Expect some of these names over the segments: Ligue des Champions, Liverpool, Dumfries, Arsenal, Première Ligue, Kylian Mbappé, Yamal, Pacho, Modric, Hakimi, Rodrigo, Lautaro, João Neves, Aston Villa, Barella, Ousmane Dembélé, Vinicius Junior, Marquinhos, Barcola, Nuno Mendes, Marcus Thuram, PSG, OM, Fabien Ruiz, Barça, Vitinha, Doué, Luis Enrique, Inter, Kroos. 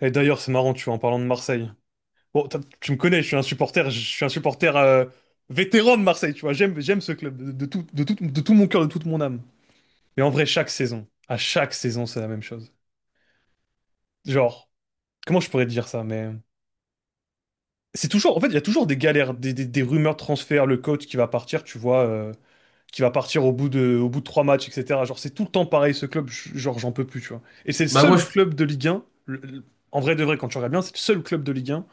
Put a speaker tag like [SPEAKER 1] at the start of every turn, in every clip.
[SPEAKER 1] Et d'ailleurs, c'est marrant, tu vois, en parlant de Marseille. Bon, tu me connais, je suis un supporter, je suis un supporter vétéran de Marseille, tu vois. J'aime ce club de tout mon cœur, de toute mon âme. Mais en vrai, à chaque saison, c'est la même chose. Genre, comment je pourrais te dire ça, mais c'est toujours, en fait, il y a toujours des galères, des rumeurs de transfert, le coach qui va partir, tu vois, qui va partir au bout de trois matchs, etc. Genre, c'est tout le temps pareil, ce club, genre, j'en peux plus, tu vois. Et c'est le
[SPEAKER 2] Bah
[SPEAKER 1] seul
[SPEAKER 2] moi, je,
[SPEAKER 1] club de Ligue 1, en vrai de vrai, quand tu regardes bien, c'est le seul club de Ligue 1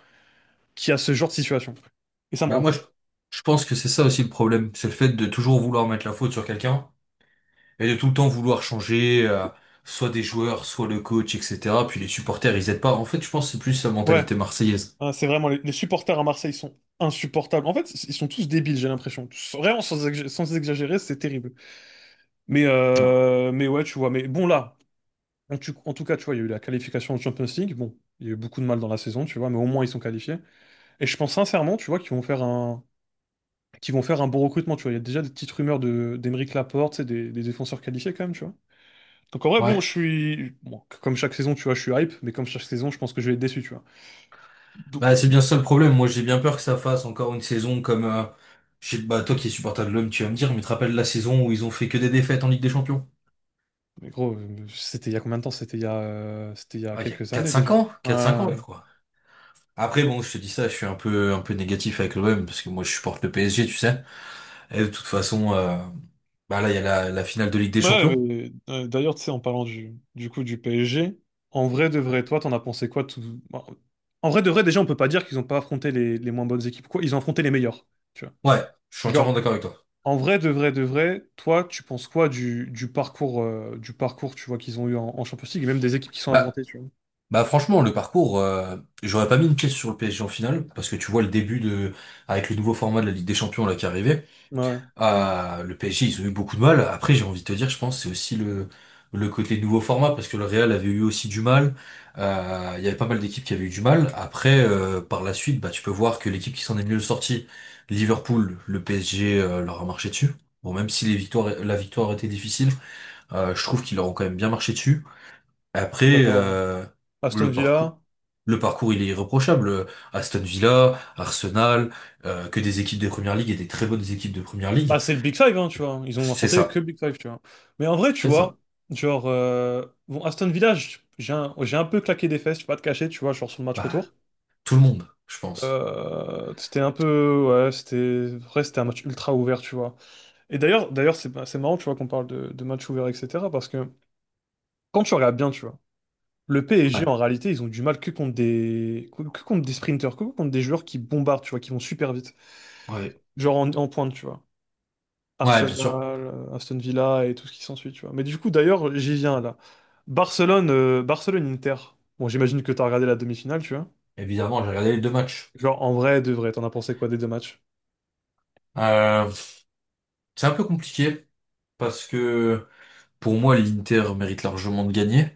[SPEAKER 1] qui a ce genre de situation. Et ça me
[SPEAKER 2] bah
[SPEAKER 1] rend
[SPEAKER 2] moi
[SPEAKER 1] fou.
[SPEAKER 2] je, je pense que c'est ça aussi le problème, c'est le fait de toujours vouloir mettre la faute sur quelqu'un et de tout le temps vouloir changer, soit des joueurs, soit le coach, etc. Puis les supporters, ils aident pas. En fait, je pense que c'est plus la
[SPEAKER 1] Ouais,
[SPEAKER 2] mentalité marseillaise.
[SPEAKER 1] hein, c'est vraiment, les supporters à Marseille sont insupportables. En fait, ils sont tous débiles, j'ai l'impression. Vraiment, sans exagérer, c'est terrible.
[SPEAKER 2] Ouais.
[SPEAKER 1] Mais ouais, tu vois, mais bon, là, en tout cas, tu vois, il y a eu la qualification en Champions League. Bon, il y a eu beaucoup de mal dans la saison, tu vois, mais au moins, ils sont qualifiés. Et je pense sincèrement, tu vois, qu'ils vont faire un bon recrutement, tu vois. Il y a déjà des petites rumeurs d'Emeric Laporte, c'est des défenseurs qualifiés quand même, tu vois. Donc en vrai, bon,
[SPEAKER 2] Ouais.
[SPEAKER 1] je suis... Bon, comme chaque saison, tu vois, je suis hype, mais comme chaque saison, je pense que je vais être déçu, tu vois. Donc,
[SPEAKER 2] Bah c'est bien ça le problème. Moi, j'ai bien peur que ça fasse encore une saison comme, bah toi qui es supporter de l'homme, tu vas me dire, mais tu te rappelles la saison où ils ont fait que des défaites en Ligue des Champions?
[SPEAKER 1] mais gros, c'était il y a combien de temps? C'était il y a
[SPEAKER 2] Ah, il y a
[SPEAKER 1] quelques années déjà.
[SPEAKER 2] quatre cinq ans, je
[SPEAKER 1] Euh,
[SPEAKER 2] crois. Après, bon, je te dis ça, je suis un peu négatif avec l'OM parce que moi, je supporte le PSG, tu sais. Et de toute façon, bah là, il y a la finale de Ligue des
[SPEAKER 1] Ouais,
[SPEAKER 2] Champions.
[SPEAKER 1] d'ailleurs, tu sais, en parlant du coup du PSG, en vrai de vrai, toi, t'en as pensé quoi tout... bon, en vrai de vrai, déjà, on peut pas dire qu'ils ont pas affronté les moins bonnes équipes, quoi. Ils ont affronté les meilleures, tu vois.
[SPEAKER 2] Ouais, je suis entièrement
[SPEAKER 1] Genre,
[SPEAKER 2] d'accord avec toi.
[SPEAKER 1] en vrai de vrai de vrai, toi, tu penses quoi du parcours, tu vois, qu'ils ont eu en Champions League, et même des équipes qui sont
[SPEAKER 2] Bah,
[SPEAKER 1] affrontées, tu vois.
[SPEAKER 2] bah franchement, le parcours, j'aurais pas mis une pièce sur le PSG en finale, parce que tu vois le début de, avec le nouveau format de la Ligue des Champions là qui arrivait.
[SPEAKER 1] Ouais,
[SPEAKER 2] Ah, le PSG, ils ont eu beaucoup de mal. Après, j'ai envie de te dire, je pense, c'est aussi le côté nouveau format, parce que le Real avait eu aussi du mal. Il y avait pas mal d'équipes qui avaient eu du mal. Après, par la suite, bah, tu peux voir que l'équipe qui s'en est mieux sortie, Liverpool, le PSG, leur a marché dessus. Bon, même si les victoires, la victoire était difficile, je trouve qu'ils leur ont quand même bien marché dessus.
[SPEAKER 1] je suis
[SPEAKER 2] Après,
[SPEAKER 1] d'accord, ouais. Aston
[SPEAKER 2] le parcours,
[SPEAKER 1] Villa.
[SPEAKER 2] le parcours, il est irréprochable. Aston Villa, Arsenal, que des équipes de Première Ligue et des très bonnes équipes de Première
[SPEAKER 1] Bah,
[SPEAKER 2] Ligue.
[SPEAKER 1] c'est le Big Five, hein, tu vois. Ils ont
[SPEAKER 2] C'est
[SPEAKER 1] affronté que
[SPEAKER 2] ça.
[SPEAKER 1] le Big Five, tu vois. Mais en vrai, tu
[SPEAKER 2] C'est
[SPEAKER 1] vois,
[SPEAKER 2] ça.
[SPEAKER 1] genre, bon, Aston Villa, j'ai un peu claqué des fesses, je vais pas te cacher, tu vois, genre sur le match
[SPEAKER 2] Bah,
[SPEAKER 1] retour.
[SPEAKER 2] tout le monde, je pense.
[SPEAKER 1] C'était un peu, ouais, en vrai, c'était un match ultra ouvert, tu vois. Et d'ailleurs, c'est marrant, tu vois, qu'on parle de match ouvert, etc. Parce que quand tu regardes bien, tu vois, le PSG,
[SPEAKER 2] Ouais,
[SPEAKER 1] en réalité, ils ont du mal que contre des sprinters, que contre des joueurs qui bombardent, tu vois, qui vont super vite,
[SPEAKER 2] ouais,
[SPEAKER 1] genre en pointe, tu vois.
[SPEAKER 2] ouais, bien sûr.
[SPEAKER 1] Arsenal, Aston Villa et tout ce qui s'ensuit, tu vois. Mais du coup, d'ailleurs, j'y viens là. Barcelone, Barcelone-Inter. Bon, j'imagine que t'as regardé la demi-finale, tu vois.
[SPEAKER 2] Évidemment, j'ai regardé les deux matchs.
[SPEAKER 1] Genre, en vrai, de vrai, t'en as pensé quoi des deux matchs?
[SPEAKER 2] Euh, c'est un peu compliqué parce que pour moi, l'Inter mérite largement de gagner,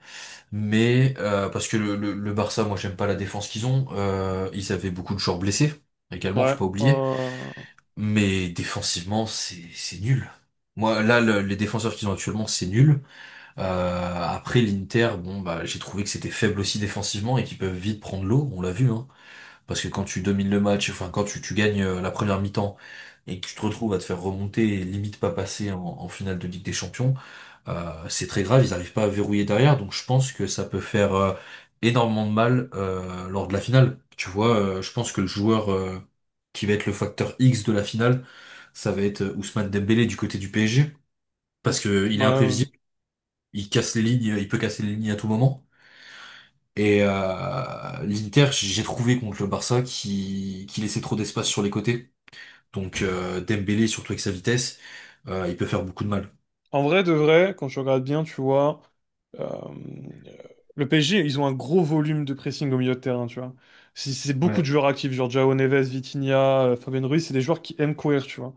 [SPEAKER 2] mais parce que le Barça, moi, j'aime pas la défense qu'ils ont. Ils avaient beaucoup de joueurs blessés également,
[SPEAKER 1] Ouais,
[SPEAKER 2] faut pas oublier.
[SPEAKER 1] euh,
[SPEAKER 2] Mais défensivement, c'est nul. Moi, là, les défenseurs qu'ils ont actuellement, c'est nul. Euh, Après, l'Inter, bon, bah, j'ai trouvé que c'était faible aussi défensivement et qu'ils peuvent vite prendre l'eau. On l'a vu, hein. Parce que quand tu domines le match, enfin quand tu gagnes la première mi-temps et que tu te retrouves à te faire remonter et limite pas passer en, en finale de Ligue des Champions, c'est très grave, ils n'arrivent pas à verrouiller derrière, donc je pense que ça peut faire énormément de mal lors de la finale. Tu vois, je pense que le joueur qui va être le facteur X de la finale, ça va être Ousmane Dembélé du côté du PSG, parce que
[SPEAKER 1] ouais,
[SPEAKER 2] il est
[SPEAKER 1] ouais.
[SPEAKER 2] imprévisible, il casse les lignes, il peut casser les lignes à tout moment. Et l'Inter, j'ai trouvé contre le Barça qui laissait trop d'espace sur les côtés. Donc Dembélé, surtout avec sa vitesse, il peut faire beaucoup de mal.
[SPEAKER 1] En vrai, de vrai, quand tu regardes bien, tu vois, Euh, le PSG, ils ont un gros volume de pressing au milieu de terrain, tu vois. C'est beaucoup de
[SPEAKER 2] Ouais.
[SPEAKER 1] joueurs actifs, genre João Neves, Vitinha, Fabien Ruiz, c'est des joueurs qui aiment courir, tu vois.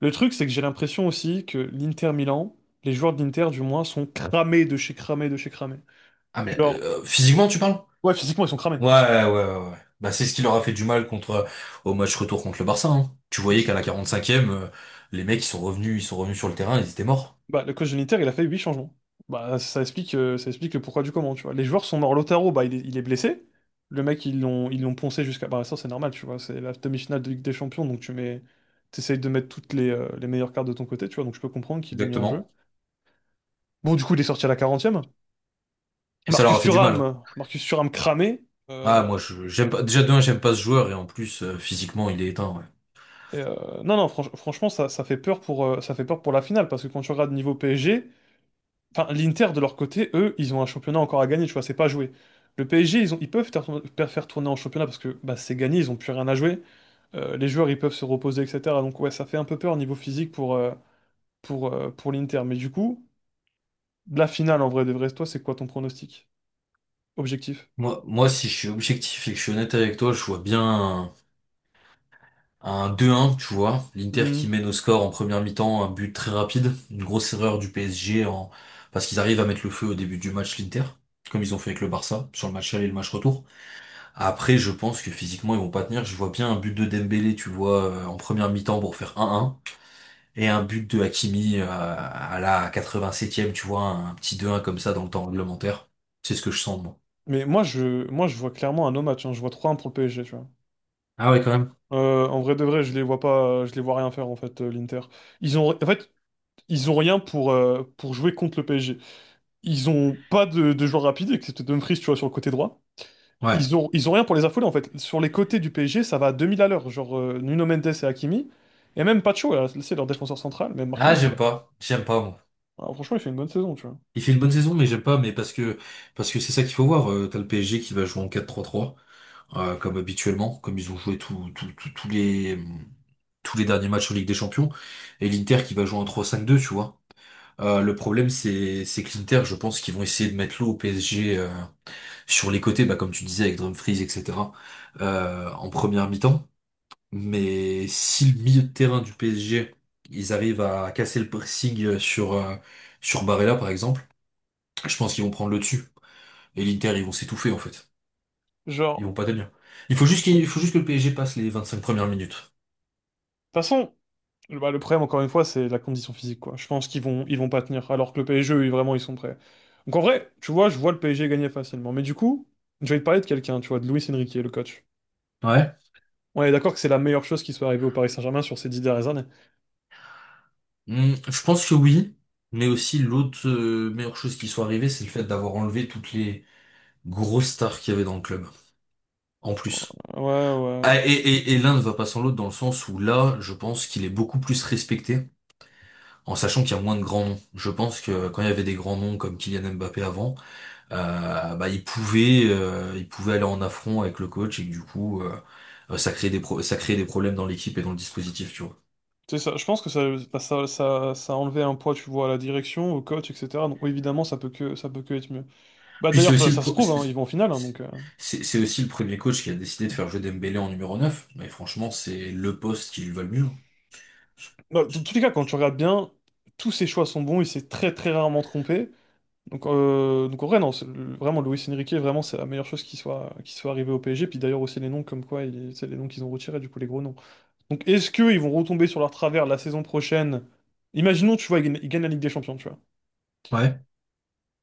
[SPEAKER 1] Le truc, c'est que j'ai l'impression aussi que l'Inter Milan, les joueurs de l'Inter du moins, sont cramés de chez cramés de chez cramés.
[SPEAKER 2] Ah mais
[SPEAKER 1] Genre,
[SPEAKER 2] physiquement tu parles?
[SPEAKER 1] ouais, physiquement, ils sont cramés.
[SPEAKER 2] Ouais, ouais, ouais, ouais. Bah c'est ce qui leur a fait du mal contre au match retour contre le Barça, hein. Tu voyais qu'à la 45e, les mecs ils sont revenus sur le terrain, ils étaient morts.
[SPEAKER 1] Bah, le coach de l'Inter, il a fait 8 changements. Bah, ça explique le pourquoi du comment, tu vois. Les joueurs sont morts. Lautaro, bah, il est blessé. Le mec, ils l'ont poncé jusqu'à... Bah, ça, c'est normal, tu vois. C'est la demi-finale de Ligue des Champions, donc tu mets... T'essayes de mettre toutes les meilleures cartes de ton côté, tu vois. Donc je peux comprendre qu'il l'ait mis en jeu.
[SPEAKER 2] Exactement.
[SPEAKER 1] Bon, du coup, il est sorti à la quarantième.
[SPEAKER 2] Et ça leur
[SPEAKER 1] Marcus
[SPEAKER 2] a fait du mal, hein.
[SPEAKER 1] Thuram, Marcus Thuram cramé.
[SPEAKER 2] Ah
[SPEAKER 1] Euh,
[SPEAKER 2] moi je j'aime
[SPEAKER 1] euh,
[SPEAKER 2] pas déjà de un, j'aime pas ce joueur et en plus physiquement il est éteint, ouais.
[SPEAKER 1] et, euh, non, franchement, ça fait peur pour, ça fait peur pour la finale, parce que quand tu regardes niveau PSG... Enfin, l'Inter, de leur côté, eux, ils ont un championnat encore à gagner, tu vois, c'est pas joué. Le PSG, ils peuvent faire tourner, faire tourner en championnat parce que bah, c'est gagné, ils ont plus rien à jouer. Les joueurs, ils peuvent se reposer, etc. Donc ouais, ça fait un peu peur au niveau physique pour, pour l'Inter. Mais du coup, la finale, en vrai de vrai, toi, c'est quoi ton pronostic? Objectif?
[SPEAKER 2] Moi, moi si je suis objectif et que je suis honnête avec toi, je vois bien. Un deux un, tu vois. L'Inter
[SPEAKER 1] Hmm.
[SPEAKER 2] qui mène au score en première mi-temps, un but très rapide. Une grosse erreur du PSG en... parce qu'ils arrivent à mettre le feu au début du match l'Inter, comme ils ont fait avec le Barça, sur le match aller et le match retour. Après, je pense que physiquement, ils vont pas tenir. Je vois bien un but de Dembélé, tu vois, en première mi-temps pour faire un un. Et un but de Hakimi à la 87e, tu vois, un petit deux un comme ça dans le temps réglementaire. C'est ce que je sens, moi.
[SPEAKER 1] Mais moi, je vois clairement un no match, hein. Je vois trois 1 pour le PSG, tu vois.
[SPEAKER 2] Ah ouais, quand même.
[SPEAKER 1] En vrai de vrai, je les vois rien faire, en fait, l'Inter. Ils ont, en fait, ils ont rien pour, pour jouer contre le PSG. Ils ont pas de joueurs rapides, excepté Dumfries, tu vois, sur le côté droit.
[SPEAKER 2] Ouais.
[SPEAKER 1] Ils ont rien pour les affoler, en fait. Sur les côtés du PSG, ça va à 2000 à l'heure. Genre, Nuno Mendes et Hakimi. Et même Pacho, c'est leur défenseur central, même
[SPEAKER 2] Ah,
[SPEAKER 1] Marquinhos, tu
[SPEAKER 2] j'aime
[SPEAKER 1] vois.
[SPEAKER 2] pas. J'aime pas, moi.
[SPEAKER 1] Alors, franchement, il fait une bonne saison, tu vois.
[SPEAKER 2] Il fait une bonne saison, mais j'aime pas, mais parce que c'est ça qu'il faut voir. T'as le PSG qui va jouer en 4-3-3, comme habituellement, comme ils ont joué tous les derniers matchs en Ligue des Champions, et l'Inter qui va jouer en 3-5-2, tu vois. Le problème, c'est que l'Inter, je pense qu'ils vont essayer de mettre l'eau au PSG sur les côtés, bah, comme tu disais avec Dumfries, etc., en première mi-temps. Mais si le milieu de terrain du PSG, ils arrivent à casser le pressing sur Barella par exemple, je pense qu'ils vont prendre le dessus. Et l'Inter, ils vont s'étouffer en fait. Ils
[SPEAKER 1] Genre,
[SPEAKER 2] vont pas tenir. Il faut juste que le PSG passe les 25 premières minutes.
[SPEAKER 1] de toute façon, bah, le problème, encore une fois, c'est la condition physique, quoi. Je pense qu'ils vont pas tenir, alors que le PSG, eux, vraiment, ils sont prêts. Donc, en vrai, tu vois, je vois le PSG gagner facilement. Mais du coup, je vais te parler de quelqu'un, tu vois, de Luis Enrique, le coach.
[SPEAKER 2] Ouais.
[SPEAKER 1] On est d'accord que c'est la meilleure chose qui soit arrivée au Paris Saint-Germain sur ces dix dernières années.
[SPEAKER 2] Hmm, je pense que oui, mais aussi l'autre meilleure chose qui soit arrivée, c'est le fait d'avoir enlevé toutes les grosses stars qu'il y avait dans le club, en plus.
[SPEAKER 1] Ouais,
[SPEAKER 2] Ah,
[SPEAKER 1] ouais.
[SPEAKER 2] et l'un ne va pas sans l'autre dans le sens où là, je pense qu'il est beaucoup plus respecté, en sachant qu'il y a moins de grands noms. Je pense que quand il y avait des grands noms comme Kylian Mbappé avant, bah, il pouvait aller en affront avec le coach et que du coup, ça crée des problèmes dans l'équipe et dans le dispositif, tu vois.
[SPEAKER 1] C'est ça. Je pense que ça, bah, ça a enlevé un poids, tu vois, à la direction, au coach, etc. Donc oui, évidemment, ça peut que être mieux. Bah
[SPEAKER 2] Puis c'est
[SPEAKER 1] d'ailleurs,
[SPEAKER 2] aussi le
[SPEAKER 1] ça se
[SPEAKER 2] pro-
[SPEAKER 1] prouve, hein, ils vont en finale, hein,
[SPEAKER 2] c'est-
[SPEAKER 1] donc.
[SPEAKER 2] c'est aussi le premier coach qui a décidé de faire jouer Dembélé en numéro 9. Mais franchement, c'est le poste qui lui va le mieux.
[SPEAKER 1] Bah, dans tous les cas, quand tu regardes bien, tous ses choix sont bons. Il s'est très très rarement trompé. Donc, en vrai, non, vraiment, Luis Enrique, vraiment, c'est la meilleure chose qui soit arrivée au PSG. Puis d'ailleurs aussi les noms, comme quoi, c'est les noms qu'ils ont retirés, du coup, les gros noms. Donc est-ce qu'ils vont retomber sur leur travers la saison prochaine? Imaginons, tu vois, ils gagnent la Ligue des Champions, tu vois.
[SPEAKER 2] Ouais.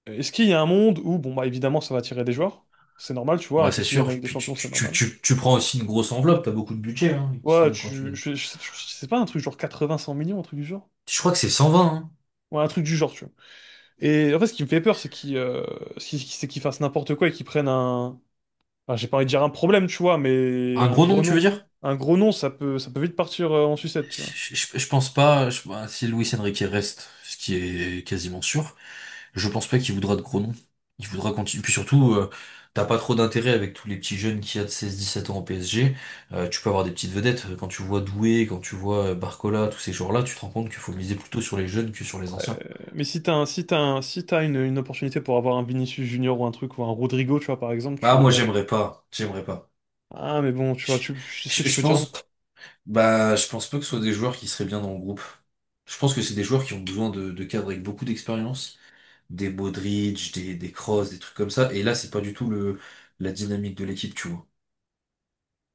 [SPEAKER 1] Est-ce qu'il y a un monde où, bon, bah, évidemment, ça va attirer des joueurs? C'est normal, tu vois, un
[SPEAKER 2] Ouais, c'est
[SPEAKER 1] club qui gagne
[SPEAKER 2] sûr.
[SPEAKER 1] avec des
[SPEAKER 2] Puis tu,
[SPEAKER 1] champions, c'est
[SPEAKER 2] tu, tu,
[SPEAKER 1] normal.
[SPEAKER 2] tu, tu prends aussi une grosse enveloppe, t'as beaucoup de budget hein, qui
[SPEAKER 1] Ouais,
[SPEAKER 2] tombe quand tu gagnes.
[SPEAKER 1] je sais pas, un truc genre 80-100 millions, un truc du genre.
[SPEAKER 2] Je crois que c'est 120, hein.
[SPEAKER 1] Ouais, un truc du genre, tu vois. Et en fait, ce qui me fait peur, c'est qu'ils c'est qu'ils fassent n'importe quoi et qu'ils prennent un... Enfin, j'ai pas envie de dire un problème, tu vois, mais
[SPEAKER 2] Un
[SPEAKER 1] un
[SPEAKER 2] gros
[SPEAKER 1] gros
[SPEAKER 2] nom, tu veux
[SPEAKER 1] nom.
[SPEAKER 2] dire?
[SPEAKER 1] Un gros nom, ça peut vite partir en sucette, tu vois.
[SPEAKER 2] Je pense pas. Bah, si Luis Enrique reste, ce qui est quasiment sûr, je pense pas qu'il voudra de gros noms. Il voudra continuer. Puis surtout, t'as pas trop d'intérêt avec tous les petits jeunes qu'il y a de 16-17 ans au PSG. Tu peux avoir des petites vedettes. Quand tu vois Doué, quand tu vois Barcola, tous ces joueurs-là, tu te rends compte qu'il faut miser plutôt sur les jeunes que sur les
[SPEAKER 1] Euh,
[SPEAKER 2] anciens.
[SPEAKER 1] mais si t'as un, si t'as un- si t'as une opportunité pour avoir un Vinicius Junior ou un truc, ou un Rodrigo, tu vois, par exemple, tu
[SPEAKER 2] Bah
[SPEAKER 1] vas
[SPEAKER 2] moi
[SPEAKER 1] y aller.
[SPEAKER 2] j'aimerais pas, j'aimerais pas.
[SPEAKER 1] Ah, mais bon, tu vois,
[SPEAKER 2] Je,
[SPEAKER 1] tu, est-ce que
[SPEAKER 2] je,
[SPEAKER 1] tu
[SPEAKER 2] je
[SPEAKER 1] peux dire non?
[SPEAKER 2] pense, bah je pense pas que ce soit des joueurs qui seraient bien dans le groupe. Je pense que c'est des joueurs qui ont besoin de, cadres avec beaucoup d'expérience des Modric, des Kroos, des trucs comme ça. Et là, c'est pas du tout la dynamique de l'équipe, tu vois.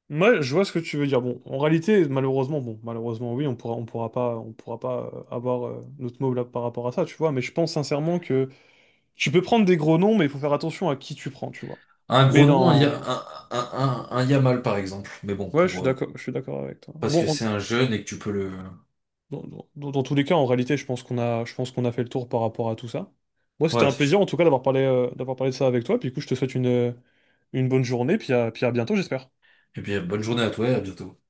[SPEAKER 1] Moi, je vois ce que tu veux dire. Bon, en réalité, malheureusement, bon, malheureusement, oui, on pourra pas avoir notre mot là par rapport à ça, tu vois. Mais je pense sincèrement que tu peux prendre des gros noms, mais il faut faire attention à qui tu prends, tu vois.
[SPEAKER 2] Un gros
[SPEAKER 1] Mais
[SPEAKER 2] nom, un, Ya-
[SPEAKER 1] dans,
[SPEAKER 2] un Yamal, par exemple. Mais bon,
[SPEAKER 1] ouais, je suis d'accord avec toi.
[SPEAKER 2] parce
[SPEAKER 1] Bon,
[SPEAKER 2] que c'est un jeune et que tu peux le...
[SPEAKER 1] dans tous les cas, en réalité, je pense qu'on a fait le tour par rapport à tout ça. Moi, c'était
[SPEAKER 2] Ouais,
[SPEAKER 1] un
[SPEAKER 2] c'est
[SPEAKER 1] plaisir,
[SPEAKER 2] sûr.
[SPEAKER 1] en tout cas, d'avoir parlé de ça avec toi. Puis, du coup, je te souhaite une bonne journée, puis puis à bientôt, j'espère.
[SPEAKER 2] Et puis, bonne journée à toi et à bientôt.